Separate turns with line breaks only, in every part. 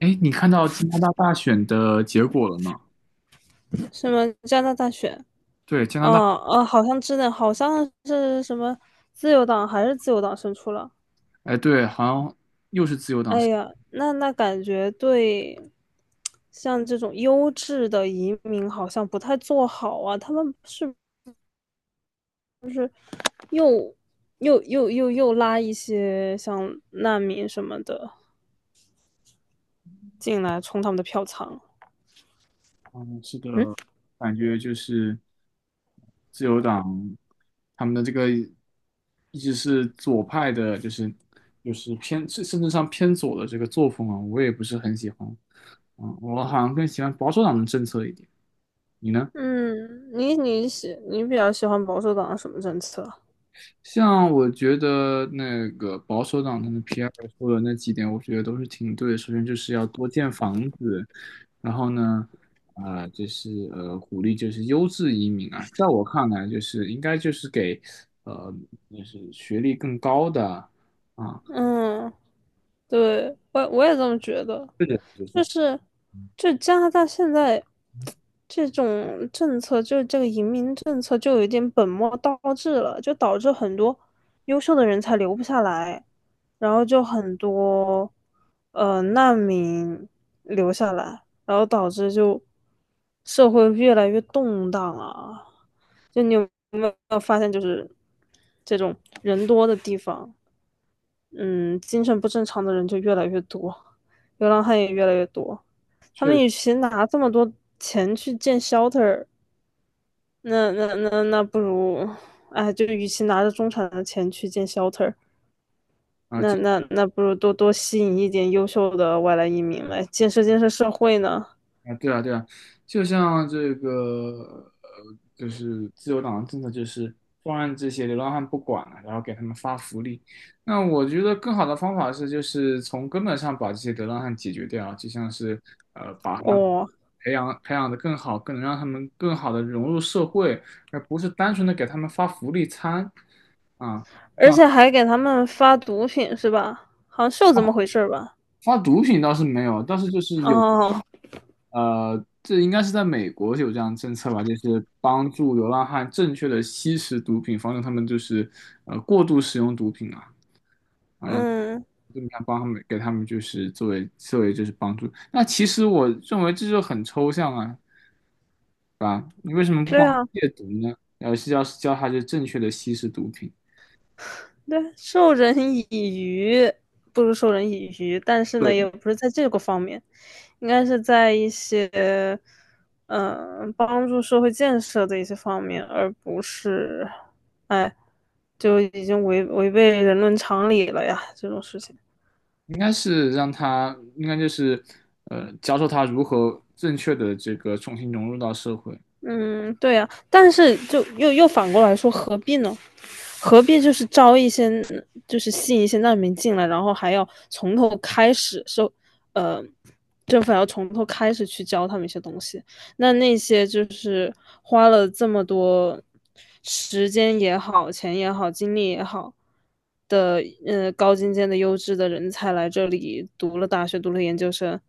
哎，你看到加拿大大选的结果了吗？
什么加拿大选？
对，加拿
哦
大，
哦，好像真的，好像是什么自由党胜出了。
哎，对，好像又是自由党。
哎呀，那感觉对，像这种优质的移民好像不太做好啊。他们是又又拉一些像难民什么的进来充他们的票仓。
嗯，是的，
嗯
感觉就是自由党他们的这个一直是左派的，就是偏甚至上偏左的这个作风啊，我也不是很喜欢。嗯，我好像更喜欢保守党的政策一点。你呢？
嗯，你比较喜欢保守党的什么政策？
像我觉得那个保守党他们皮 r 尔说的那几点，我觉得都是挺对的。首先就是要多建房子，然后呢，啊，就是鼓励就是优质移民啊，在我看来，就是应该就是给呃，就是学历更高的啊，
嗯，对，我也这么觉得。
这个就是
就是就加拿大现在这种政策，就是这个移民政策，就有点本末倒置了，就导致很多优秀的人才留不下来，然后就很多难民留下来，然后导致就社会越来越动荡啊。就你有没有发现，就是这种人多的地方，嗯，精神不正常的人就越来越多，流浪汉也越来越多。他们
确
与其拿这么多钱去建 shelter，那不如，哎，就与其拿着中产的钱去建 shelter，那
啊。
那那不如多多吸引一点优秀的外来移民来建设建设社会呢。
啊，对啊，对啊，就像这个，就是自由党的政策就是放任这些流浪汉不管了，然后给他们发福利。那我觉得更好的方法是，就是从根本上把这些流浪汉解决掉，就像是把他们
哦，
培养培养的更好，更能让他们更好的融入社会，而不是单纯的给他们发福利餐啊。
而且还给他们发毒品是吧？好像是有这么回事儿吧？
发毒品倒是没有，但是就是有，
哦，
这应该是在美国有这样的政策吧，就是帮助流浪汉正确的吸食毒品，防止他们就是过度使用毒品啊，
嗯，
这么样帮他们给他们就是作为就是帮助。那其实我认为这就很抽象啊，对吧？你为什么不
对
帮他
啊。
戒毒呢？而是要教他就正确的吸食毒品。
对，授人以鱼不如授人以渔，但是呢，也
对，
不是在这个方面，应该是在一些，嗯、帮助社会建设的一些方面，而不是，哎，就已经违背人伦常理了呀，这种事情。
应该是让他，应该就是，教授他如何正确的这个重新融入到社会。
嗯，对呀，但是就又反过来说，何必呢？何必就是招一些，就是吸引一些难民进来，然后还要从头开始受，呃，政府要从头开始去教他们一些东西。那些就是花了这么多时间也好、钱也好、精力也好的，高精尖的优质的人才来这里读了大学、读了研究生，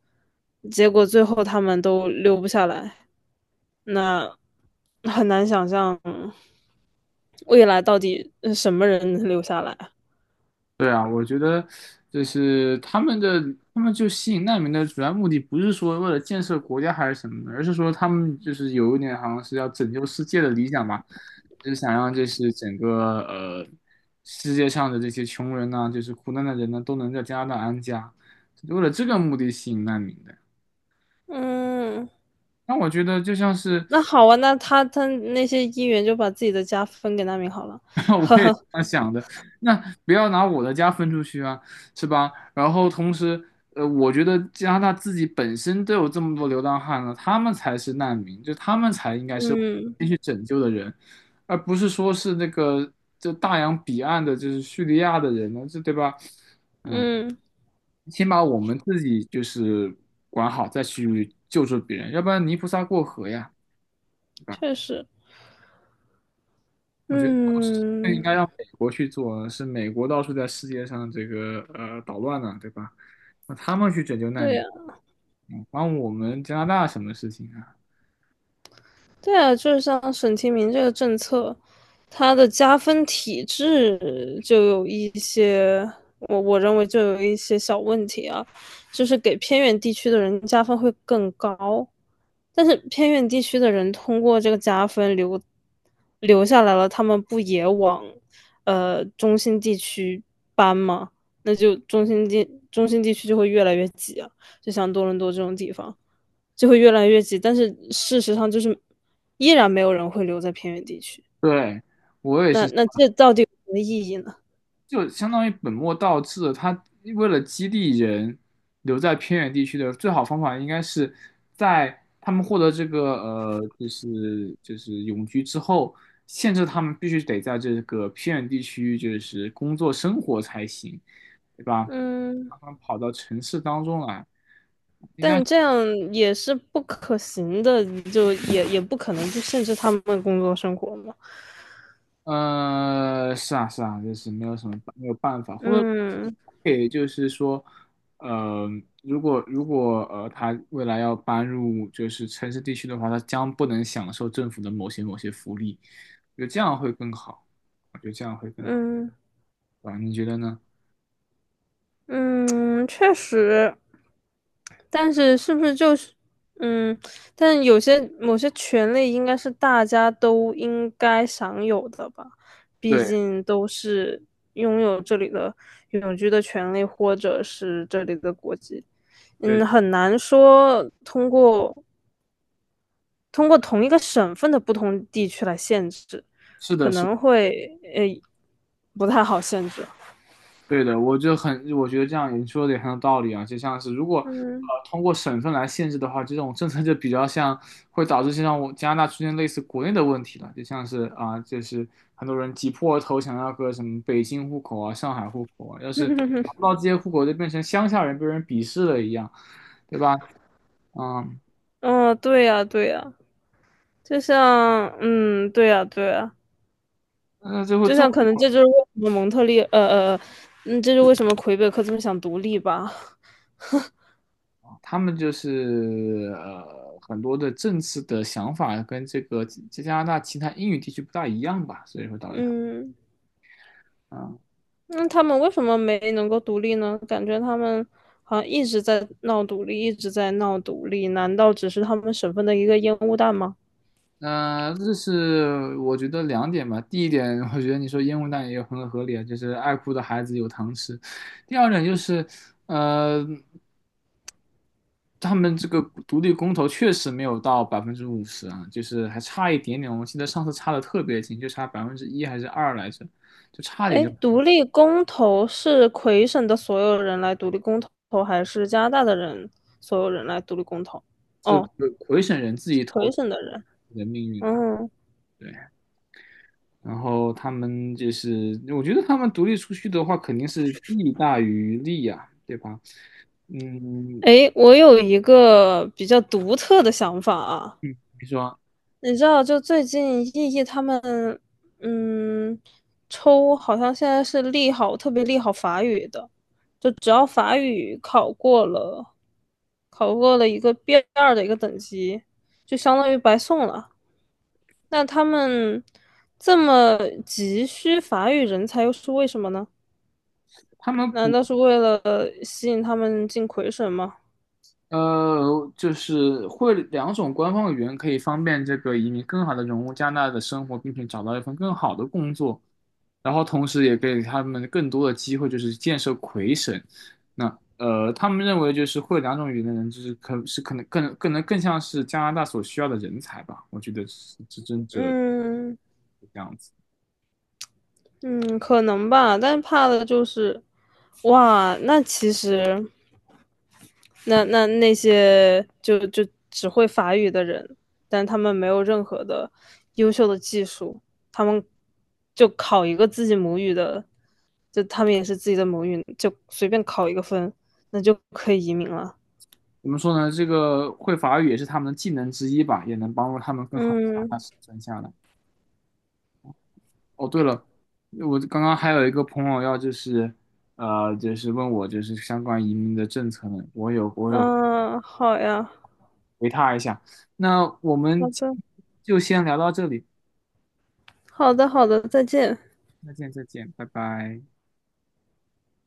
结果最后他们都留不下来，那很难想象未来到底什么人能留下来。
对啊，我觉得就是他们就吸引难民的主要目的，不是说为了建设国家还是什么的，而是说他们就是有一点好像是要拯救世界的理想吧，就是想让这是整个世界上的这些穷人呐、就是苦难的人呢，都能在加拿大安家，为了这个目的吸引难民的。
嗯，
那我觉得就像是
那好啊，那他那些议员就把自己的家分给难民好了，
那我
呵
也这
呵，
样想的，那不要拿我的家分出去啊，是吧？然后同时，我觉得加拿大自己本身都有这么多流浪汉了，他们才是难民，就他们才应该是
嗯
先去拯救的人，而不是说是那个就大洋彼岸的，就是叙利亚的人呢，这对吧？嗯，
嗯，
先把我们自己就是管好，再去救助别人，要不然泥菩萨过河呀。对吧？
确实，
我觉得这应
嗯，
该让美国去做，是美国到处在世界上这个捣乱呢，对吧？那他们去拯救难
对
民，
呀。
关我们加拿大什么事情啊？
对啊，就是像省提名这个政策，它的加分体制就有一些，我认为就有一些小问题啊，就是给偏远地区的人加分会更高，但是偏远地区的人通过这个加分留下来了，他们不也往中心地区搬吗？那就中心地区就会越来越挤啊，就像多伦多这种地方。就会越来越挤。但是事实上，就是依然没有人会留在偏远地区。
对，我也是。
那这到底有什么意义呢？
就相当于本末倒置了他为了激励人留在偏远地区的最好方法，应该是在他们获得这个就是永居之后，限制他们必须得在这个偏远地区就是工作生活才行，对吧？
嗯，
他们跑到城市当中来，
但这样也是不可行的，就也不可能去限制他们的工作生活嘛。
是啊，是啊，就是没有什么没有办法，或者
嗯
可以就是说，呃，如果他未来要搬入就是城市地区的话，他将不能享受政府的某些福利，我觉得这样会更好，我觉得这样会更好，
嗯，
啊，你觉得呢？
嗯，确实，但是是不是就是，嗯，但有些某些权利应该是大家都应该享有的吧？毕
对
竟都是拥有这里的永居的权利，或者是这里的国籍。
对，
很难说通过同一个省份的不同地区来限制，
是
可
的，是
能会不太好限制。
对的，我就很，我觉得这样你说的也很有道理啊。就像是如果
嗯，
通过省份来限制的话，这种政策就比较像会导致像我加拿大出现类似国内的问题了，就像是啊，就是很多人挤破头想要个什么北京户口啊、上海户口啊，要是拿不到这些户口，就变成乡下人被人鄙视了一样，对吧？嗯，
哦，对呀，对呀。就像，嗯，对呀，对呀，
那最后
就
最
像
后
可能呃，这就是为什么魁北克这么想独立吧，
他们就是很多的政策的想法跟这个加拿大其他英语地区不大一样吧，所以会导致他。
嗯，
嗯
那他们为什么没能够独立呢？感觉他们好像一直在闹独立，一直在闹独立，难道只是他们省份的一个烟雾弹吗？
那、这是我觉得两点吧。第一点，我觉得你说烟雾弹也有很合理啊，就是爱哭的孩子有糖吃。第二点就是，呃，他们这个独立公投确实没有到50%啊，就是还差一点点。我记得上次差的特别近，就差1%还是二来着，就差点
哎，
就
独立公投是魁省的所有人来独立公投，还是加拿大的人所有人来独立公投？
这个
哦，
魁省人自己
是
投
魁
自
省的人，
己的命运吧。
嗯。
对然后他们就是，我觉得他们独立出去的话，肯定是弊大于利呀、对吧？嗯，
诶，我有一个比较独特的想法啊，
比如说
你知道，就最近艺艺他们，嗯，抽好像现在是利好，特别利好法语的，就只要法语考过了一个 B2的一个等级，就相当于白送了。那他们这么急需法语人才，又是为什么呢？
他们
难道是为了吸引他们进魁省吗？
就是会两种官方语言，可以方便这个移民更好的融入加拿大的生活，并且找到一份更好的工作，然后同时也给他们更多的机会，就是建设魁省。那他们认为就是会两种语言的人，就是可能更能更像是加拿大所需要的人才吧，我觉得是这
嗯，嗯，可能吧，但怕的就是，哇，那其实，那那些就只会法语的人，但他们没有任何的优秀的技术，他们就考一个自己母语的，就他们也是自己的母语，就随便考一个分，那就可以移民了。
怎么说呢？这个会法语也是他们的技能之一吧，也能帮助他们更好的把
嗯
它生存下来。哦，对了，我刚刚还有一个朋友要就是，就是问我就是相关移民的政策呢，我有
嗯，好呀，
回他一下。那我们
好
今
的，
天就先聊到这里，
好的，好的，再见。
再见再见，拜拜。